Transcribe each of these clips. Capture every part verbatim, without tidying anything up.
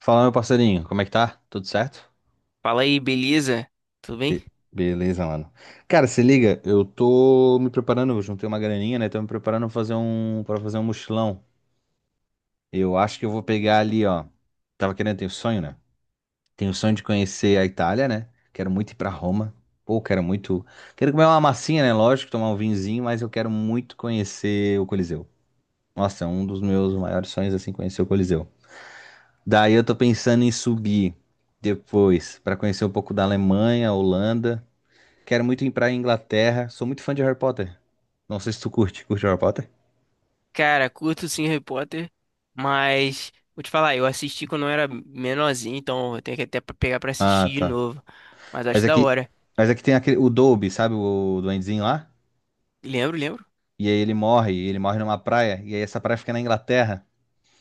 Fala, meu parceirinho, como é que tá? Tudo certo? Fala aí, beleza? Tudo bem? Be- Beleza, mano. Cara, se liga, eu tô me preparando, eu juntei uma graninha, né? Tô me preparando pra fazer um, para fazer um mochilão. Eu acho que eu vou pegar ali, ó. Tava querendo, tenho sonho, né? Tenho sonho de conhecer a Itália, né? Quero muito ir pra Roma. Pô, quero muito. Quero comer uma massinha, né? Lógico, tomar um vinzinho, mas eu quero muito conhecer o Coliseu. Nossa, é um dos meus maiores sonhos, assim, conhecer o Coliseu. Daí eu tô pensando em subir depois pra conhecer um pouco da Alemanha, Holanda. Quero muito ir pra Inglaterra. Sou muito fã de Harry Potter. Não sei se tu curte. Curte Harry Potter? Cara, curto sim Harry Potter, mas vou te falar, eu assisti quando eu era menorzinho, então eu tenho que até pra- pegar pra Ah, assistir de tá. novo. Mas Mas acho da aqui, hora. mas aqui tem aquele, o Dobby, sabe? O duendezinho lá. Lembro, lembro. E aí ele morre. e Ele morre numa praia. E aí essa praia fica na Inglaterra.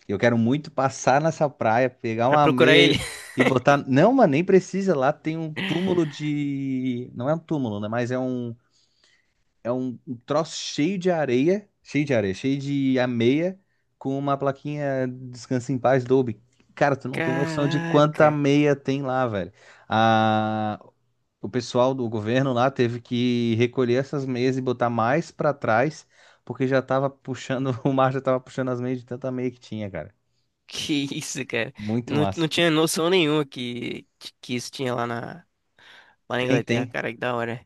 E Eu quero muito passar nessa praia, pegar Pra uma procurar ele. meia e botar. Não, mano, nem precisa. Lá tem um túmulo de. Não é um túmulo, né? Mas é um é um, um troço cheio de areia, cheio de areia, cheio de ameia, com uma plaquinha Descanse em Paz Dolby. Cara, tu não tem noção de quanta Caraca, ameia tem lá, velho. A, o pessoal do governo lá teve que recolher essas meias e botar mais pra trás, porque já tava puxando, o mar já tava puxando as meias de tanta ameia que tinha, cara. que isso, cara. Muito Não, não massa. tinha noção nenhuma que, que isso tinha lá na, lá na Tem, Inglaterra, tem. cara, que da hora.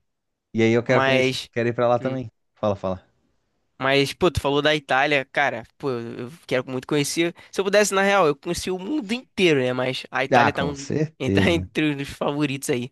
E aí eu quero conhecer, Mas. quero ir pra lá hum, também. Fala, fala. Mas, pô, tu falou da Itália, cara, pô, eu quero muito conhecer. Se eu pudesse, na real, eu conheci o mundo inteiro, né? Mas a Ah, Itália tá, com um, tá certeza, né? entre os favoritos aí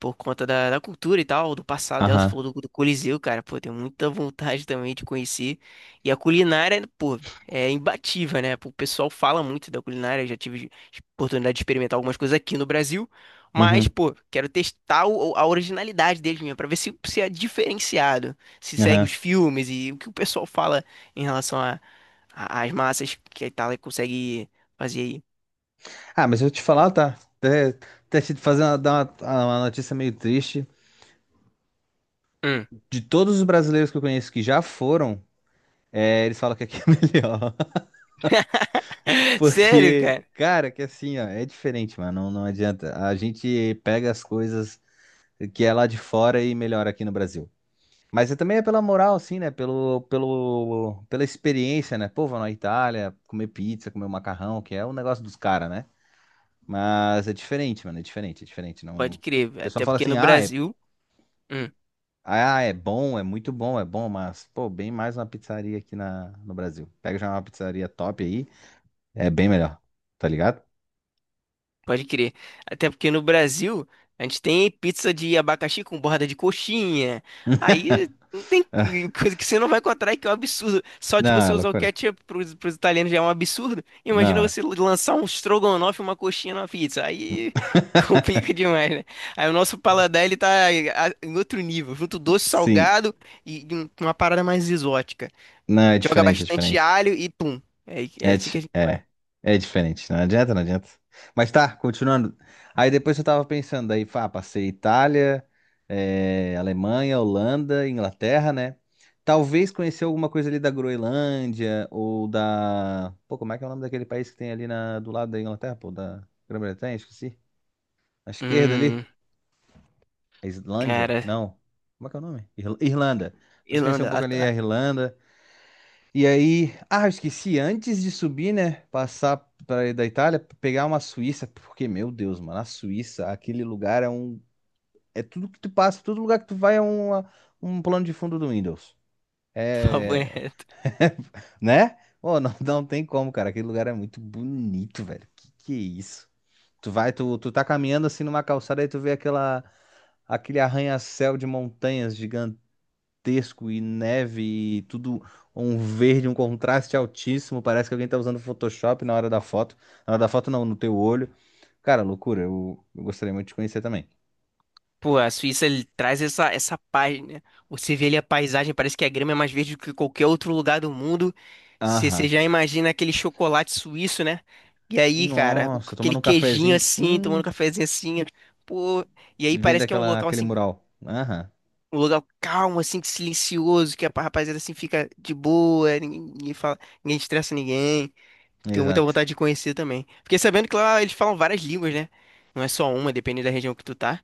por conta da, da cultura e tal, do passado dela. Você Aham. falou do, do Coliseu, cara. Pô, tenho muita vontade também de conhecer. E a culinária, pô, é imbatível, né? Pô, o pessoal fala muito da culinária. Eu já tive oportunidade de experimentar algumas coisas aqui no Brasil. Mas, Uhum. pô, quero testar o- a originalidade deles mesmo, pra ver se, se é diferenciado, se segue Aham. os filmes e o que o pessoal fala em relação a, a- às massas que a Itália consegue fazer aí. Ah, mas eu te falar, tá? Até, até te fazer uma, dar uma, uma notícia meio triste. Hum. De todos os brasileiros que eu conheço que já foram, é, eles falam que aqui é melhor. Sério, Porque, cara? cara, que assim, ó, é diferente, mano. Não, não adianta. A gente pega as coisas que é lá de fora e melhora aqui no Brasil. Mas é também é pela moral, assim, né? Pelo, pelo, pela experiência, né? Pô, vou na Itália, comer pizza, comer um macarrão, que é o negócio dos caras, né? Mas é diferente, mano. É diferente, é diferente. Não... Pode O crer, velho. pessoal Até fala porque assim, no ah, é Brasil. Hum, ah, é bom, é muito bom, é bom, mas, pô, bem mais uma pizzaria aqui na, no Brasil. Pega já uma pizzaria top aí, é bem melhor, tá ligado? pode crer. Até porque no Brasil a gente tem pizza de abacaxi com borda de coxinha. Aí não tem coisa que você não vai encontrar que é um absurdo. Só de Não, você é usar o loucura. ketchup pros, pros italianos já é um absurdo. Imagina Não, é. você lançar um strogonoff e uma coxinha na pizza. Aí complica demais, né? Aí o nosso paladar ele tá a- em outro nível, junto doce, Sim, salgado e e um- uma parada mais exótica. não, é Joga diferente, é bastante diferente. alho e pum. É, é É, assim que a di- gente. é, é diferente, não adianta, não adianta. Mas tá, continuando. Aí depois eu tava pensando, aí, pá, passei Itália, eh, Alemanha, Holanda, Inglaterra, né? Talvez conhecer alguma coisa ali da Groenlândia ou da. Pô, como é que é o nome daquele país que tem ali na... do lado da Inglaterra, pô, da Grã-Bretanha, esqueci. À esquerda Hum, ali? A Islândia? cara, Não. Como é que é o nome? Irl- Irlanda. Talvez conhecer um Irlanda, ah, pouco ali a tá. Irlanda. E aí, ah, eu esqueci, antes de subir, né, passar pra, da Itália, pegar uma Suíça, porque, meu Deus, mano, a Suíça, aquele lugar é um, é tudo que tu passa, todo lugar que tu vai é uma, um plano de fundo do Windows, é, Favorito. né? Ô, não, não tem como, cara, aquele lugar é muito bonito, velho, que que é isso? Tu vai, tu, tu tá caminhando assim numa calçada e tu vê aquela, aquele arranha-céu de montanhas gigantesco e neve e tudo um verde, um contraste altíssimo. Parece que alguém tá usando Photoshop na hora da foto. Na hora da foto, não, no teu olho. Cara, loucura. Eu, eu gostaria muito de conhecer também. Pô, a Suíça ele traz essa, essa paz, né? Você vê ali a paisagem, parece que a grama é mais verde do que qualquer outro lugar do mundo. Você você Aham. já imagina aquele chocolate suíço, né? E aí, cara, o- Nossa, aquele tomando um queijinho cafezinho. assim, tomando um Hum, cafezinho assim. Pô, e aí vendo parece que é um aquela, local aquele assim, mural. Aham, um lugar calmo, assim, que silencioso, que a rapaziada assim fica de boa, ninguém, ninguém fala, ninguém estressa ninguém. Tenho muita exato. vontade de conhecer também. Fiquei sabendo que lá eles falam várias línguas, né? Não é só uma, depende da região que tu tá.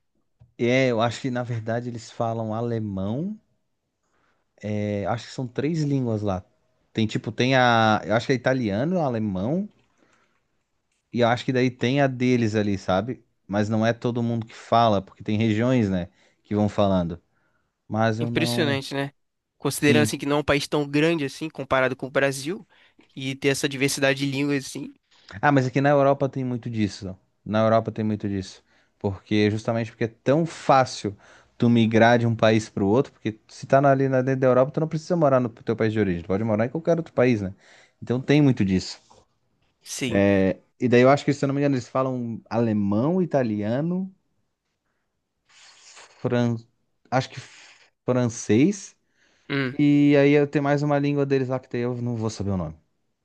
É, eu acho que na verdade eles falam alemão. É, acho que são três línguas lá. Tem tipo, tem a. Eu acho que é italiano, alemão. E eu acho que daí tem a deles ali, sabe? Mas não é todo mundo que fala, porque tem regiões, né, que vão falando. Mas eu não. Impressionante, né? Considerando Sim. assim que não é um país tão grande assim, comparado com o Brasil, e ter essa diversidade de línguas assim. Ah, mas aqui na Europa tem muito disso. Na Europa tem muito disso. Porque justamente porque é tão fácil tu migrar de um país para o outro, porque se tá na- ali na dentro da Europa, tu não precisa morar no teu país de origem, tu pode morar em qualquer outro país, né? Então tem muito disso. Sim. E daí eu acho que, se eu não me engano, eles falam alemão, italiano, fran... acho que francês. Hum. E aí eu tenho mais uma língua deles lá que daí eu não vou saber o nome.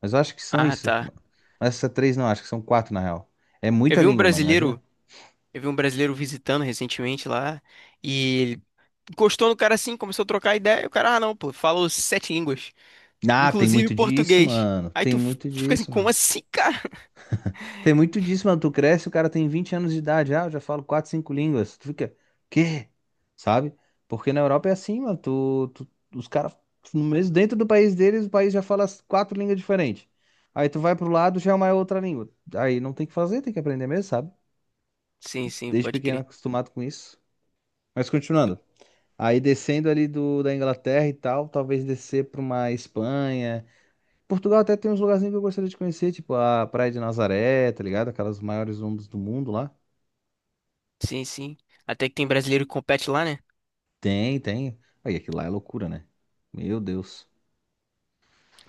Mas eu acho que são Ah, isso. tá. Mas Essa três não, acho que são quatro na real. É Eu muita vi um língua, mano, brasileiro, imagina. eu vi um brasileiro visitando recentemente lá, e ele encostou no cara assim, começou a trocar ideia, e o cara, ah, não, pô, falou sete línguas, Ah, tem inclusive muito disso, português. mano. Aí Tem tu f- muito tu fica assim, disso, como mano. assim, cara? Tem muito disso, mano. Tu cresce, o cara tem vinte anos de idade. Ah, eu já falo quatro, cinco línguas. Tu fica, quê? Sabe? Porque na Europa é assim, mano. Tu, tu- os caras, mesmo dentro do país deles, o país já fala as quatro línguas diferentes. Aí tu vai pro lado, já é uma outra língua. Aí não tem o que fazer, tem que aprender mesmo, sabe? Sim, sim, Desde pode pequeno crer. acostumado com isso. Mas continuando. Aí descendo ali do, da Inglaterra e tal, talvez descer para uma Espanha. Portugal até tem uns lugarzinhos que eu gostaria de conhecer, tipo a Praia de Nazaré, tá ligado? Aquelas maiores ondas do mundo lá. Sim, sim. Até que tem brasileiro que compete lá, né? Tem, tem. Aí aquilo lá é loucura, né? Meu Deus.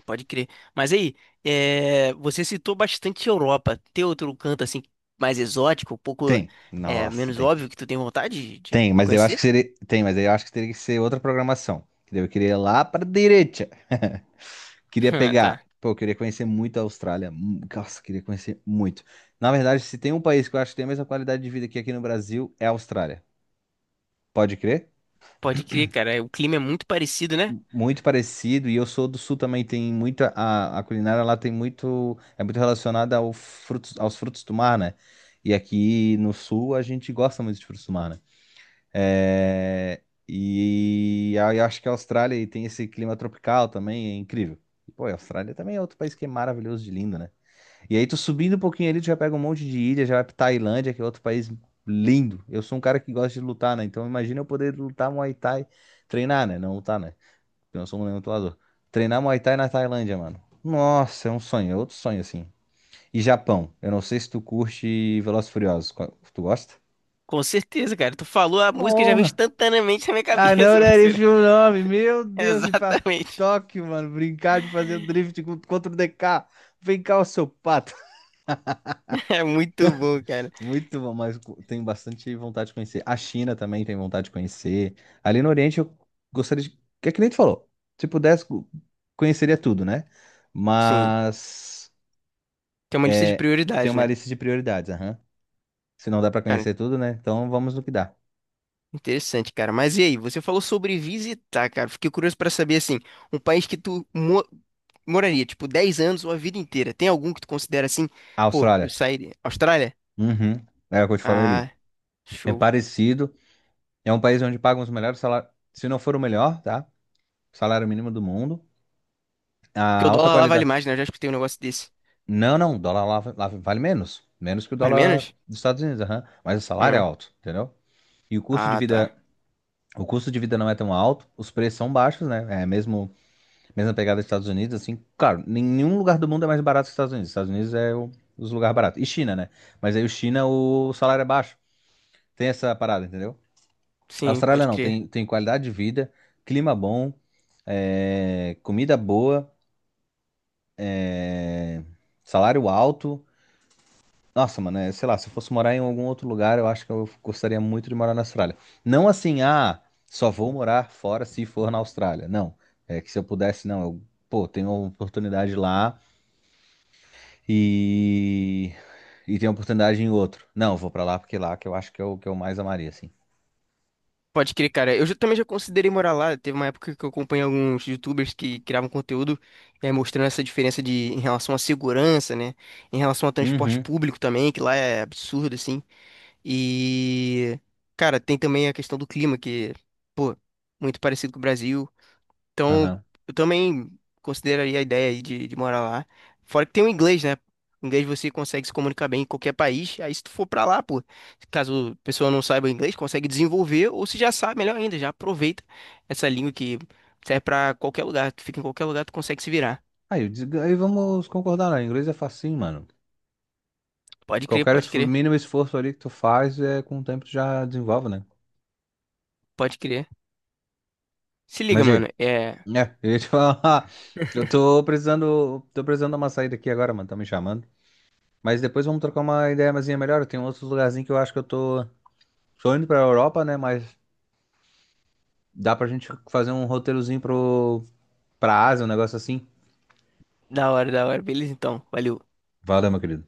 Pode crer. Mas aí, é, você citou bastante Europa. Tem outro canto assim mais exótico, um pouco Tem. é, Nossa, menos tem. óbvio que tu tem vontade de de Tem, mas eu acho que conhecer? seria. Tem, mas eu acho que teria que ser outra programação. Que daí eu queria ir lá para direita. Queria Ah, pegar. tá. Pô, eu queria conhecer muito a Austrália. Hum, Nossa, queria conhecer muito. Na verdade, se tem um país que eu acho que tem a mesma qualidade de vida que aqui no Brasil, é a Austrália. Pode crer? Pode crer, cara. O clima é muito parecido, né? Muito parecido. E eu sou do Sul também. Tem muita. A, a culinária lá tem muito. É muito relacionada ao frutos, aos frutos do mar, né? E aqui no Sul a gente gosta muito de frutos do mar, né? É, e aí eu acho que a Austrália e tem esse clima tropical também, é incrível. E, pô, a Austrália também é outro país que é maravilhoso de lindo, né? E aí tu subindo um pouquinho ali, tu já pega um monte de ilha, já vai pra Tailândia, que é outro país lindo. Eu sou um cara que gosta de lutar, né? Então imagina eu poder lutar Muay Thai, treinar, né? Não lutar, né? Porque eu não sou um lutador. Treinar Muay Thai na Tailândia, mano. Nossa, é um sonho, é outro sonho assim. E Japão, eu não sei se tu curte Velozes e Furiosos. Qual- Tu gosta? Com certeza, cara. Tu falou, a música já vem Porra! instantaneamente na minha Ah, não, cabeça, né? parceiro. Ele o nome. Meu Deus, e pra Exatamente. Tóquio, mano. Brincar de fazer drift com- contra o D K. Vem cá, o seu pato. É muito bom, cara. Muito bom, mas co- tenho bastante vontade de conhecer. A China também tem vontade de conhecer. Ali no Oriente eu gostaria de. Que é que nem tu falou. Se pudesse, co- conheceria tudo, né? Sim. Mas Tem uma lista de é, tem prioridade, uma né? lista de prioridades, aham. Se não dá pra Cara, conhecer tudo, né? Então vamos no que dá. interessante, cara. Mas e aí, você falou sobre visitar, cara. Fiquei curioso pra saber, assim, um país que tu mo- moraria, tipo, dez anos ou a vida inteira. Tem algum que tu considera assim? A Pô, eu Austrália. sairia. Austrália? Uhum. É o que eu te falei ali. Ah, É show. parecido. É um país onde pagam os melhores salários. Se não for o melhor, tá? Salário mínimo do mundo. A Porque o alta dólar lá vale qualidade. mais, né? Eu já escutei um negócio desse. Não, não, o dólar lá, lá vale menos. Menos que o Vale dólar menos? dos Estados Unidos, aham. Mas o salário é Hum. alto, entendeu? E o custo de Ah, vida, tá. o custo de vida não é tão alto, os preços são baixos, né? É mesmo, mesma pegada dos Estados Unidos, assim, claro, nenhum lugar do mundo é mais barato que os Estados Unidos. Os Estados Unidos é o- os lugares baratos. E China, né? Mas aí o China, o salário é baixo. Tem essa parada, entendeu? A Sim, Austrália pode não, crer. tem, tem qualidade de vida, clima bom, é, comida boa, é, salário alto. Nossa, mano, é, sei lá, se eu fosse morar em algum outro lugar, eu acho que eu gostaria muito de morar na Austrália. Não assim, ah, só vou morar fora se for na Austrália. Não. É que se eu pudesse, não, eu, pô, tenho uma oportunidade lá e. E tenho oportunidade em outro. Não, eu vou pra lá porque lá que eu acho que é o que eu mais amaria, assim. Pode crer, cara. Eu já- também já considerei morar lá. Teve uma época que eu acompanhei alguns YouTubers que criavam conteúdo, eh, mostrando essa diferença de em relação à segurança, né? Em relação ao transporte Uhum. público também, que lá é absurdo, assim. E, cara, tem também a questão do clima, que, pô, muito parecido com o Brasil. Então, Aham. eu também consideraria a ideia aí de, de morar lá. Fora que tem o inglês, né? O inglês você consegue se comunicar bem em qualquer país. Aí, se tu for pra lá, pô, caso a pessoa não saiba inglês, consegue desenvolver. Ou se já sabe, melhor ainda, já aproveita essa língua que serve pra qualquer lugar. Tu fica em qualquer lugar, tu consegue se virar. Aí, eu digo- aí vamos concordar, né? Inglês é facinho, mano. Pode crer, Qualquer pode esfor- crer, mínimo esforço ali que tu faz, é, com o tempo tu já desenvolve, né? pode crer. Se liga, Mas e, mano. É é, eu ia te falar, eu tô precisando, tô precisando dar uma saída aqui agora, mano, tá me chamando. Mas depois vamos trocar uma ideia mais melhor. Tem outros lugarzinhos que eu acho que eu tô, tô indo pra Europa, né? Mas dá pra gente fazer um roteirozinho pro, pra Ásia, um negócio assim. da hora, da hora. Beleza, então. Valeu. Valeu, meu querido.